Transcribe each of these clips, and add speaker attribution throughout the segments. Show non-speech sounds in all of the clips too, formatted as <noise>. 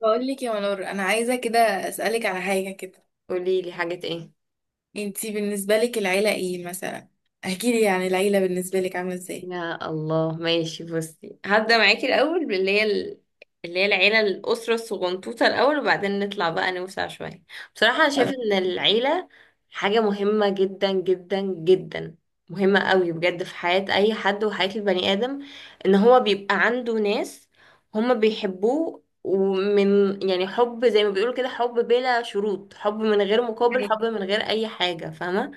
Speaker 1: بقول لك يا منور انا عايزه كده، اسالك على حاجه كده.
Speaker 2: قولي لي حاجات ايه؟
Speaker 1: انتي بالنسبه لك العيله ايه مثلا؟ احكي لي يعني العيله بالنسبه لك عامله ازاي؟
Speaker 2: يا الله، ماشي. بصي، هبدأ معاكي الأول اللي هي العيلة، الأسرة الصغنطوطة الأول، وبعدين نطلع بقى نوسع شوية. بصراحة أنا شايفة
Speaker 1: طب.
Speaker 2: إن العيلة حاجة مهمة جدا جدا جدا، مهمة قوي بجد في حياة أي حد وحياة البني آدم. إن هو بيبقى عنده ناس هما بيحبوه، يعني حب زي ما بيقولوا كده، حب بلا شروط، حب من غير مقابل،
Speaker 1: حقيقة،
Speaker 2: حب من غير أي حاجة. فاهمة؟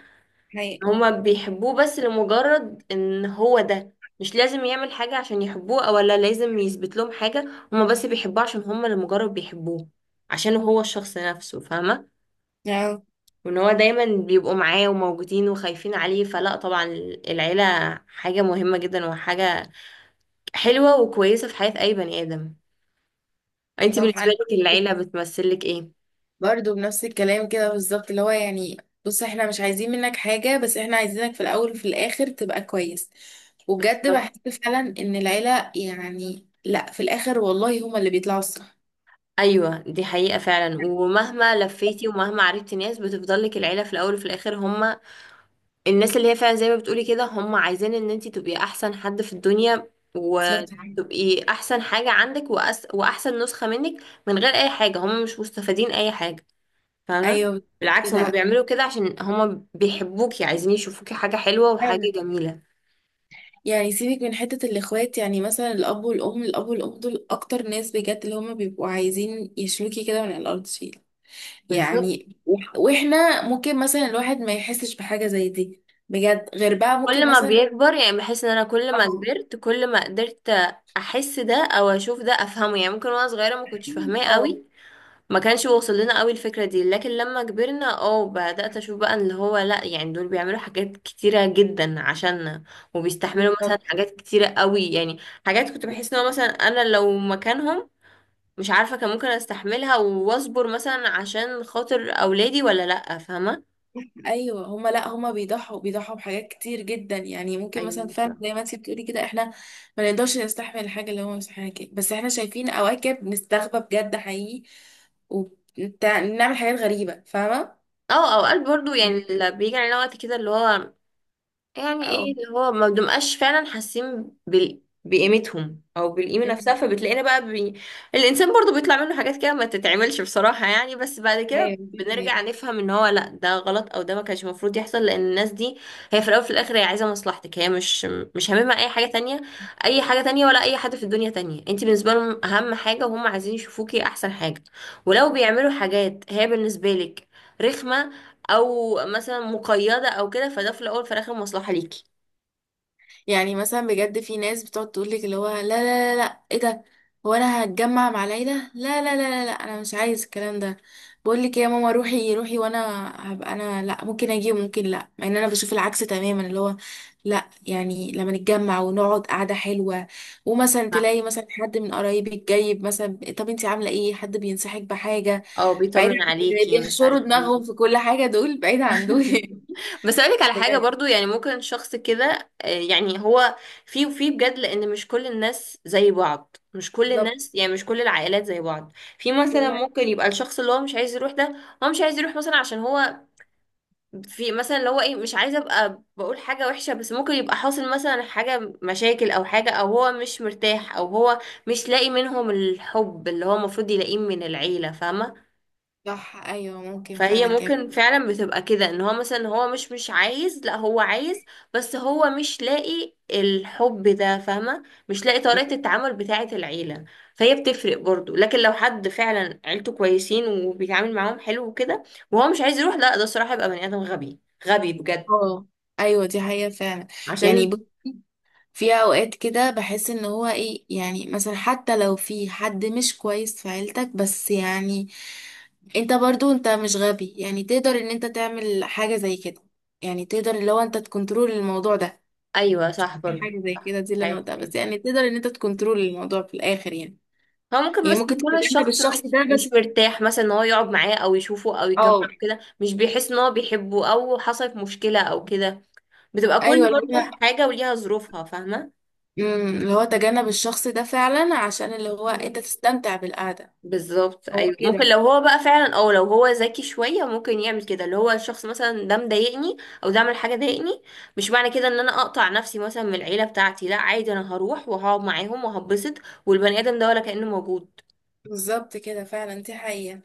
Speaker 1: حقيقة.
Speaker 2: هما بيحبوه بس لمجرد ان هو ده. مش لازم يعمل حاجة عشان يحبوه، او لا لازم يثبت لهم حاجة. هما بس بيحبوه عشان هما، لمجرد بيحبوه عشان هو الشخص نفسه. فاهمة؟
Speaker 1: آه،
Speaker 2: وان هو دايما بيبقوا معاه وموجودين وخايفين عليه. فلا، طبعا العيلة حاجة مهمة جدا، وحاجة حلوة وكويسة في حياة اي بني ادم. انتي
Speaker 1: طب انا
Speaker 2: بالنسبة لك العيلة بتمثلك ايه؟
Speaker 1: برضو بنفس الكلام كده بالظبط اللي هو يعني بص احنا مش عايزين منك حاجه، بس احنا عايزينك في الاول وفي الاخر تبقى كويس. وبجد
Speaker 2: بالظبط.
Speaker 1: بحس فعلا ان العيله يعني لا، في الاخر والله هما اللي بيطلعوا الصح.
Speaker 2: ايوه، دي حقيقة فعلا. ومهما لفيتي ومهما عرفتي ناس، بتفضل لك العيلة في الاول وفي الاخر. هما الناس اللي هي فعلا زي ما بتقولي كده، هم عايزين ان انتي تبقي احسن حد في الدنيا،
Speaker 1: بالظبط.
Speaker 2: وتبقي احسن حاجة عندك، واحسن نسخة منك، من غير اي حاجة. هم مش مستفادين اي حاجة. فاهمة؟
Speaker 1: ايوه
Speaker 2: بالعكس، هم
Speaker 1: كده.
Speaker 2: بيعملوا كده عشان هم بيحبوكي، عايزين يشوفوكي حاجة حلوة وحاجة جميلة.
Speaker 1: يعني سيبك من حتة الإخوات، يعني مثلا الأب والأم، الأب والأم دول أكتر ناس بجد اللي هما بيبقوا عايزين يشلوكي كده من الأرض شيء.
Speaker 2: بالظبط.
Speaker 1: يعني وإحنا ممكن مثلا الواحد ما يحسش بحاجة زي دي، بجد، غير بقى
Speaker 2: كل
Speaker 1: ممكن
Speaker 2: ما
Speaker 1: مثلا.
Speaker 2: بيكبر يعني، بحس ان انا كل ما
Speaker 1: اه.
Speaker 2: كبرت، كل ما قدرت احس ده او اشوف ده افهمه. يعني ممكن وانا صغيرة ما كنتش فاهماه
Speaker 1: اه
Speaker 2: قوي، ما كانش واصل لنا قوي الفكرة دي. لكن لما كبرنا، اه بدأت اشوف بقى اللي هو لا، يعني دول بيعملوا حاجات كتيرة جدا عشاننا، وبيستحملوا مثلا
Speaker 1: بالظبط.
Speaker 2: حاجات كتيرة قوي يعني. حاجات كنت بحس ان هو مثلا انا لو مكانهم، مش عارفة كان ممكن استحملها واصبر مثلا عشان خاطر اولادي ولا لا. فاهمة؟
Speaker 1: ايوه هما لا، هما بيضحوا بحاجات كتير جدا، يعني ممكن مثلا
Speaker 2: ايوه،
Speaker 1: فعلا
Speaker 2: بصراحة.
Speaker 1: زي ما انت بتقولي كده احنا ما نقدرش نستحمل الحاجه اللي هما مستحملها كده، بس احنا شايفين اواكب نستغبى بجد حقيقي، وبنعمل حاجات غريبه، فاهمه؟
Speaker 2: اه، اوقات برضو يعني اللي بيجي علينا وقت كده اللي هو، يعني
Speaker 1: او
Speaker 2: ايه، اللي هو ما بنبقاش فعلا حاسين بقيمتهم او بالقيمه نفسها،
Speaker 1: مم.
Speaker 2: فبتلاقينا بقى الانسان برضو بيطلع منه حاجات كده ما تتعملش بصراحه يعني. بس بعد كده
Speaker 1: ايوه دي حقيقة.
Speaker 2: بنرجع نفهم ان هو لا، ده غلط او ده ما كانش المفروض يحصل. لان الناس دي هي في الاول وفي الاخر هي عايزه مصلحتك. هي مش هاممها اي حاجه تانية، اي حاجه تانية ولا اي حد في الدنيا تانية. انت بالنسبه لهم اهم حاجه، وهم عايزين يشوفوكي احسن حاجه. ولو بيعملوا حاجات هي بالنسبه لك رخمه، او مثلا مقيده او كده، فده في الاول في الاخر مصلحه ليكي.
Speaker 1: يعني مثلا بجد في ناس بتقعد تقول لك اللي هو لا لا لا لا ايه ده، هو انا هتجمع مع العيله؟ لا لا لا لا، لا انا مش عايز الكلام ده. بقول لك إيه يا ماما روحي روحي، وانا هبقى انا لا، ممكن اجي وممكن لا، مع ان انا بشوف العكس تماما اللي هو لا، يعني لما نتجمع ونقعد قعده حلوه، ومثلا
Speaker 2: صح.
Speaker 1: تلاقي مثلا حد من قرايبك جايب مثلا، طب انت عامله ايه، حد بينصحك بحاجه،
Speaker 2: اه،
Speaker 1: بعيد عن
Speaker 2: بيطمن
Speaker 1: اللي
Speaker 2: عليكي، مش
Speaker 1: بيحشروا
Speaker 2: عارف ايه.
Speaker 1: دماغهم في كل حاجه، دول بعيد عن دول <laughs>
Speaker 2: <laughs> بس اقولك على حاجه
Speaker 1: بجد.
Speaker 2: برضو يعني. ممكن شخص كده، يعني هو في بجد. لان مش كل الناس زي بعض، مش كل
Speaker 1: بالظبط.
Speaker 2: الناس يعني، مش كل العائلات زي بعض. في مثلا
Speaker 1: كل حاجة.
Speaker 2: ممكن يبقى الشخص اللي هو مش عايز يروح ده. هو مش عايز يروح مثلا عشان هو، في مثلا اللي هو ايه، مش عايزه ابقى بقول حاجه وحشه، بس ممكن يبقى حاصل مثلا حاجه، مشاكل او حاجه، او هو مش مرتاح، او هو مش لاقي منهم الحب اللي هو المفروض يلاقيه من العيله. فاهمه؟
Speaker 1: صح، ايوه ممكن
Speaker 2: فهي
Speaker 1: فعلا كده.
Speaker 2: ممكن فعلا بتبقى كده ان هو مثلا هو مش عايز، لا هو عايز، بس هو مش لاقي الحب ده. فاهمه؟ مش لاقي طريقه التعامل بتاعه العيله. فهي بتفرق برضو. لكن لو حد فعلا عيلته كويسين وبيتعامل معاهم حلو وكده، وهو مش عايز يروح، لا ده الصراحه يبقى بني ادم غبي. غبي بجد.
Speaker 1: اه. ايوه دي حقيقة فعلا. يعني
Speaker 2: عشان.
Speaker 1: ب- في اوقات كده بحس ان هو ايه، يعني مثلا حتى لو في حد مش كويس في عيلتك، بس يعني انت برضو انت مش غبي يعني، تقدر ان انت تعمل حاجة زي كده، يعني تقدر اللي هو انت تكنترول الموضوع ده،
Speaker 2: ايوه صح برضه.
Speaker 1: حاجة زي
Speaker 2: صح،
Speaker 1: كده دي اللي انا
Speaker 2: حاجه
Speaker 1: قلتها، بس
Speaker 2: كويسه.
Speaker 1: يعني تقدر ان انت تكنترول الموضوع في الاخر يعني.
Speaker 2: هو ممكن
Speaker 1: يعني
Speaker 2: مثلا
Speaker 1: ممكن
Speaker 2: يكون
Speaker 1: تتجنب
Speaker 2: الشخص
Speaker 1: الشخص
Speaker 2: مش
Speaker 1: ده
Speaker 2: مش
Speaker 1: بس.
Speaker 2: مرتاح مثلا ان هو يقعد معاه او يشوفه او يجمعه
Speaker 1: اه.
Speaker 2: كده، مش بيحس ان هو بيحبه، او حصلت مشكله او كده. بتبقى كل
Speaker 1: ايوه.
Speaker 2: برضه حاجه وليها ظروفها. فاهمه؟
Speaker 1: مم، اللي هو تجنب الشخص ده فعلا عشان اللي هو انت تستمتع بالقعدة.
Speaker 2: بالظبط.
Speaker 1: هو
Speaker 2: ايوه، ممكن
Speaker 1: كده.
Speaker 2: لو هو بقى فعلا، او لو هو ذكي شويه ممكن يعمل كده. اللي هو الشخص مثلا ده مضايقني، او ده عمل حاجه ضايقني، مش معنى كده ان انا اقطع نفسي مثلا من العيله بتاعتي. لا، عادي انا هروح وهقعد معاهم وهبسط، والبني ادم ده ولا كانه موجود.
Speaker 1: بالظبط كده فعلا دي حقيقة.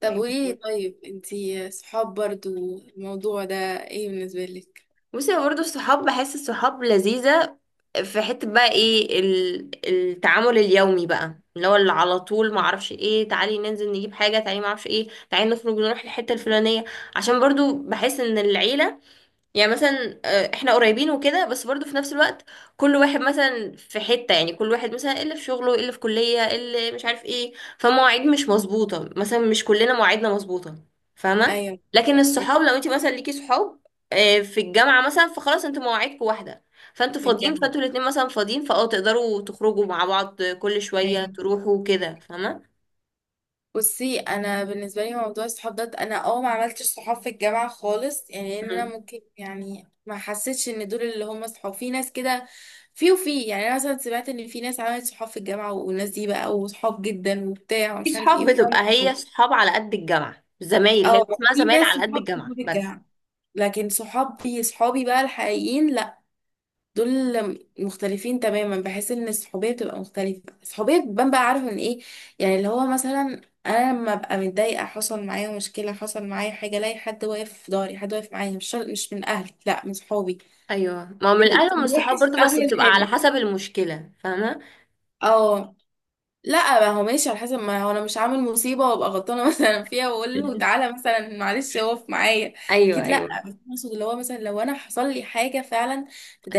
Speaker 1: طب
Speaker 2: ايوه.
Speaker 1: وايه، طيب انتي صحاب برضو الموضوع ده ايه بالنسبة لك؟
Speaker 2: بصي، هو برضه الصحاب، بحس الصحاب لذيذة في حتة بقى. ايه التعامل اليومي بقى اللي هو، اللي على طول ما
Speaker 1: مم.
Speaker 2: اعرفش ايه، تعالي ننزل نجيب حاجة، تعالي ما اعرفش ايه، تعالي نخرج نروح الحتة الفلانية. عشان برضه بحس ان العيلة يعني، مثلا احنا قريبين وكده، بس برضو في نفس الوقت كل واحد مثلا في حتة، يعني كل واحد مثلا اللي في شغله، اللي في كلية، اللي مش عارف ايه. فمواعيد مش مظبوطة مثلا، مش كلنا مواعيدنا مظبوطة. فاهمة؟
Speaker 1: ايوه.
Speaker 2: لكن
Speaker 1: مم،
Speaker 2: الصحاب لو انت مثلا ليكي صحاب، في الجامعة مثلا، فخلاص انتوا مواعيدكم واحدة، فانتوا
Speaker 1: في
Speaker 2: فاضيين،
Speaker 1: الجامعة.
Speaker 2: فانتوا الاتنين مثلا فاضيين، فاه تقدروا تخرجوا مع بعض كل شوية
Speaker 1: ايوه.
Speaker 2: تروحوا كده. فاهمة؟
Speaker 1: بصي انا بالنسبه لي موضوع الصحاب ده انا اه ما عملتش صحاب في الجامعه خالص، يعني ان انا
Speaker 2: مم.
Speaker 1: ممكن يعني ما حسيتش ان دول اللي هم صحاب، في ناس كده في يعني انا مثلا سمعت ان في ناس عملت صحاب في الجامعه والناس دي بقى وصحاب جدا وبتاع
Speaker 2: في
Speaker 1: ومش عارف ايه
Speaker 2: صحاب
Speaker 1: والكلام
Speaker 2: بتبقى هي
Speaker 1: ده.
Speaker 2: صحاب على قد الجامعة، زمايل هي
Speaker 1: اه
Speaker 2: اسمها،
Speaker 1: في
Speaker 2: زمايل
Speaker 1: ناس
Speaker 2: على قد
Speaker 1: صحاب
Speaker 2: الجامعة
Speaker 1: في
Speaker 2: بس.
Speaker 1: الجامعه، لكن صحابي صحابي بقى الحقيقيين لا، دول مختلفين تماما، بحيث ان الصحوبيه بتبقى مختلفه، الصحوبيه بتبان بقى، عارف من ايه؟ يعني اللي هو مثلا انا لما ابقى متضايقه، حصل معايا مشكله، حصل معايا حاجه، الاقي حد واقف في ظهري، حد واقف معايا، مش من اهلي، لا من صحابي.
Speaker 2: ايوه، ما هو من الاهل
Speaker 1: في
Speaker 2: ومن الصحاب
Speaker 1: الوحش
Speaker 2: برضو، بس
Speaker 1: قبل
Speaker 2: بتبقى على
Speaker 1: الحلو.
Speaker 2: حسب المشكله. فاهمه؟
Speaker 1: اه. لا، ما هو ماشي على حسب، ما هو انا مش عامل مصيبه وابقى غلطانه <laughs> مثلا فيها واقول له
Speaker 2: <laughs>
Speaker 1: تعالى مثلا معلش اقف معايا،
Speaker 2: ايوه
Speaker 1: اكيد لا،
Speaker 2: ايوه.
Speaker 1: بس اقصد اللي هو مثلا لو انا حصل لي حاجه فعلا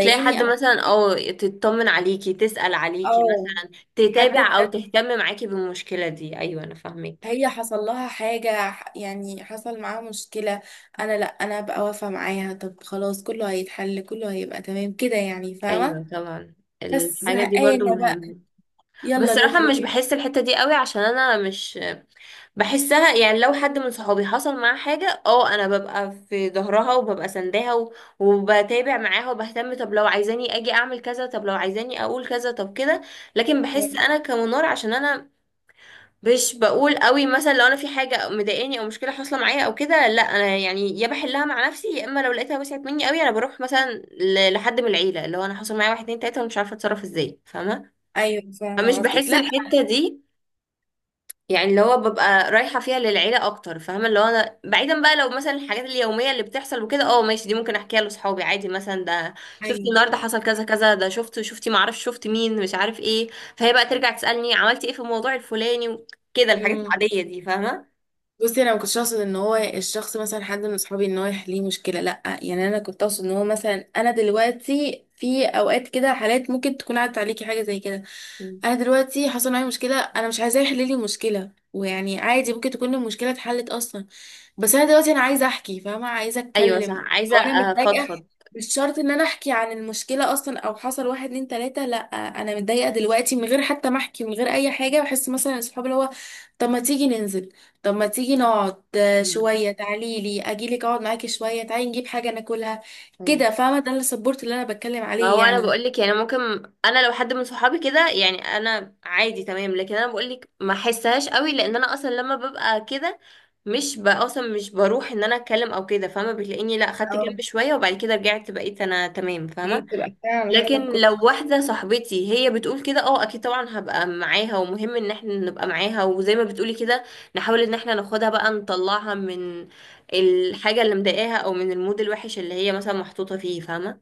Speaker 2: تلاقي حد
Speaker 1: او.
Speaker 2: مثلا او تطمن عليكي، تسأل عليكي
Speaker 1: اه.
Speaker 2: مثلا،
Speaker 1: حد
Speaker 2: تتابع او
Speaker 1: بجد.
Speaker 2: تهتم معاكي بالمشكله دي. ايوه، انا فاهمك.
Speaker 1: هي حصل لها حاجة، يعني حصل معاها مشكلة، انا لا، انا بقى واقفة معاها، طب خلاص كله هيتحل، كله هيبقى تمام كده يعني، فاهمة؟
Speaker 2: ايوه طبعا.
Speaker 1: بس
Speaker 2: الحاجه دي برضو
Speaker 1: زهقانة بقى،
Speaker 2: مهمه. بس
Speaker 1: يلا
Speaker 2: صراحه مش
Speaker 1: نخرج
Speaker 2: بحس الحته دي قوي، عشان انا مش بحسها. يعني لو حد من صحابي حصل معاه حاجة، اه انا ببقى في ظهرها وببقى سنداها، وبتابع معاها وبهتم. طب لو عايزاني اجي اعمل كذا، طب لو عايزاني اقول كذا، طب كده. لكن بحس
Speaker 1: <laughs>
Speaker 2: انا كمنار عشان انا مش بقول قوي مثلا. لو انا في حاجة مضايقاني او مشكلة حاصلة معايا او كده، لا انا يعني يا بحلها مع نفسي، يا اما لو لقيتها وسعت مني قوي انا بروح مثلا لحد من العيلة، اللي هو انا حصل معايا واحد اتنين تلاتة ومش عارفة اتصرف ازاي. فاهمة؟
Speaker 1: ايوه فاهمة
Speaker 2: فمش
Speaker 1: قصدك،
Speaker 2: بحس
Speaker 1: لا.
Speaker 2: الحتة دي يعني، اللي هو ببقى رايحة فيها للعيلة أكتر. فاهمة؟ اللي هو أنا بعيدا بقى، لو مثلا الحاجات اليومية اللي بتحصل وكده، اه ماشي دي ممكن أحكيها لأصحابي عادي مثلا. ده شفتي
Speaker 1: ايوه.
Speaker 2: النهاردة حصل كذا كذا، ده شفتي معرفش شفت مين مش عارف ايه. فهي بقى ترجع تسألني عملتي ايه في الموضوع الفلاني وكده، الحاجات
Speaker 1: مم.
Speaker 2: العادية دي. فاهمة؟
Speaker 1: بصي انا ما كنتش اقصد ان هو الشخص مثلا حد من اصحابي ان هو يحليه مشكله لا، يعني انا كنت اقصد ان هو مثلا انا دلوقتي في اوقات كده حالات ممكن تكون عدت عليكي حاجه زي كده،
Speaker 2: مم.
Speaker 1: انا دلوقتي حصل معايا مشكله، انا مش عايزاه يحل لي المشكله ويعني، عادي ممكن تكون المشكله اتحلت اصلا، بس انا دلوقتي انا عايزه احكي، فاهمه؟ عايزه
Speaker 2: أيوة صح،
Speaker 1: اتكلم،
Speaker 2: عايزة
Speaker 1: او انا متضايقه،
Speaker 2: أفضفض.
Speaker 1: مش شرط ان انا احكي عن المشكله اصلا، او حصل واحد اتنين تلاته، لا انا متضايقه دلوقتي من غير حتى ما احكي، من غير اي حاجه، بحس مثلا اصحابي اللي هو طب ما تيجي ننزل، طب ما تيجي نقعد، آه،
Speaker 2: مم.
Speaker 1: شوية تعالي لي أجيلك أقعد معاكي شوية، تعالي نجيب حاجة ناكلها،
Speaker 2: أيوة.
Speaker 1: كده، فاهمة؟ ده السبورت اللي أنا بتكلم
Speaker 2: ما
Speaker 1: عليه
Speaker 2: هو انا
Speaker 1: يعني.
Speaker 2: بقول لك يعني ممكن، انا لو حد من صحابي كده يعني انا عادي تمام. لكن انا بقول لك ما احسهاش قوي، لان انا اصلا لما ببقى كده مش ب- اصلا مش بروح ان انا اتكلم او كده. فاهمه؟ بتلاقيني لا، خدت جنب
Speaker 1: اه.
Speaker 2: شويه، وبعد كده رجعت بقيت انا تمام.
Speaker 1: دي
Speaker 2: فاهمه؟
Speaker 1: بتبقى فعلا على حسب
Speaker 2: لكن
Speaker 1: كل
Speaker 2: لو
Speaker 1: شخص.
Speaker 2: واحده صاحبتي هي بتقول كده، اه اكيد طبعا هبقى معاها، ومهم ان احنا نبقى معاها. وزي ما بتقولي كده نحاول ان احنا ناخدها بقى نطلعها من الحاجه اللي مضايقاها، او من المود الوحش اللي هي مثلا محطوطه فيه. فاهمه؟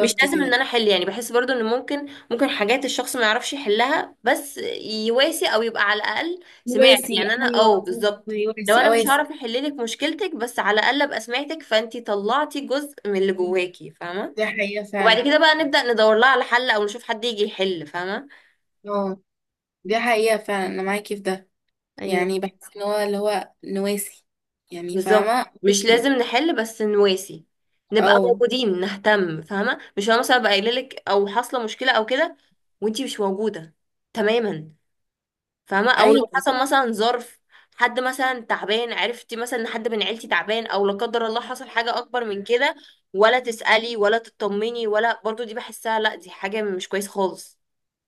Speaker 2: مش لازم ان
Speaker 1: كده.
Speaker 2: انا احل. يعني بحس برضو ان ممكن، حاجات الشخص ما يعرفش يحلها، بس يواسي، او يبقى على الاقل سمعت.
Speaker 1: واسي،
Speaker 2: يعني انا اه
Speaker 1: أيوة صح،
Speaker 2: بالظبط. لو
Speaker 1: واسي
Speaker 2: انا مش
Speaker 1: أواسي.
Speaker 2: هعرف احل لك مشكلتك، بس على الاقل ابقى سمعتك، فانتي طلعتي جزء من اللي جواكي. فاهمه؟
Speaker 1: دي حقيقة
Speaker 2: وبعد
Speaker 1: فعلا.
Speaker 2: كده بقى نبدا ندور لها على حل، او نشوف حد يجي يحل. فاهمه؟
Speaker 1: اه دي حقيقة فعلا، أنا معاكي في ده.
Speaker 2: ايوه.
Speaker 1: يعني بحس إن هو اللي هو نواسي، يعني
Speaker 2: بالظبط،
Speaker 1: فاهمة،
Speaker 2: مش
Speaker 1: واسي.
Speaker 2: لازم نحل، بس نواسي، نبقى
Speaker 1: اه.
Speaker 2: موجودين نهتم. فاهمه؟ مش انا مثلا ابقى قايله لك او حاصله مشكله او كده وانتي مش موجوده تماما. فاهمة؟ او لو
Speaker 1: أيوة.
Speaker 2: حصل مثلا ظرف، حد مثلا تعبان، عرفتي مثلا ان حد من عيلتي تعبان، او لا قدر الله حصل حاجة اكبر من كده، ولا تسألي ولا تطمني ولا، برضو دي بحسها لا، دي حاجة مش كويس خالص.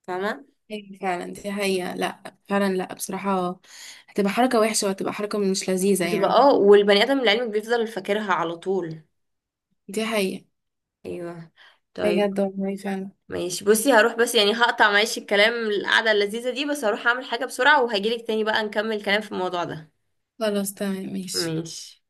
Speaker 2: فاهمة؟
Speaker 1: أيوة فعلا دي حقيقة، لا فعلا لا بصراحة، هتبقى حركة وحشة، وهتبقى حركة مش لذيذة
Speaker 2: بتبقى
Speaker 1: يعني.
Speaker 2: اه، والبني ادم لعلمك بيفضل فاكرها على طول.
Speaker 1: دي حقيقة.
Speaker 2: ايوه. طيب.
Speaker 1: بجد والله فعلا.
Speaker 2: ماشي، بصي هروح بس. يعني هقطع معلش الكلام، القعدة اللذيذة دي، بس هروح اعمل حاجة بسرعة وهجيلك تاني بقى نكمل كلام في الموضوع ده.
Speaker 1: خلاص تمام ماشي.
Speaker 2: ماشي.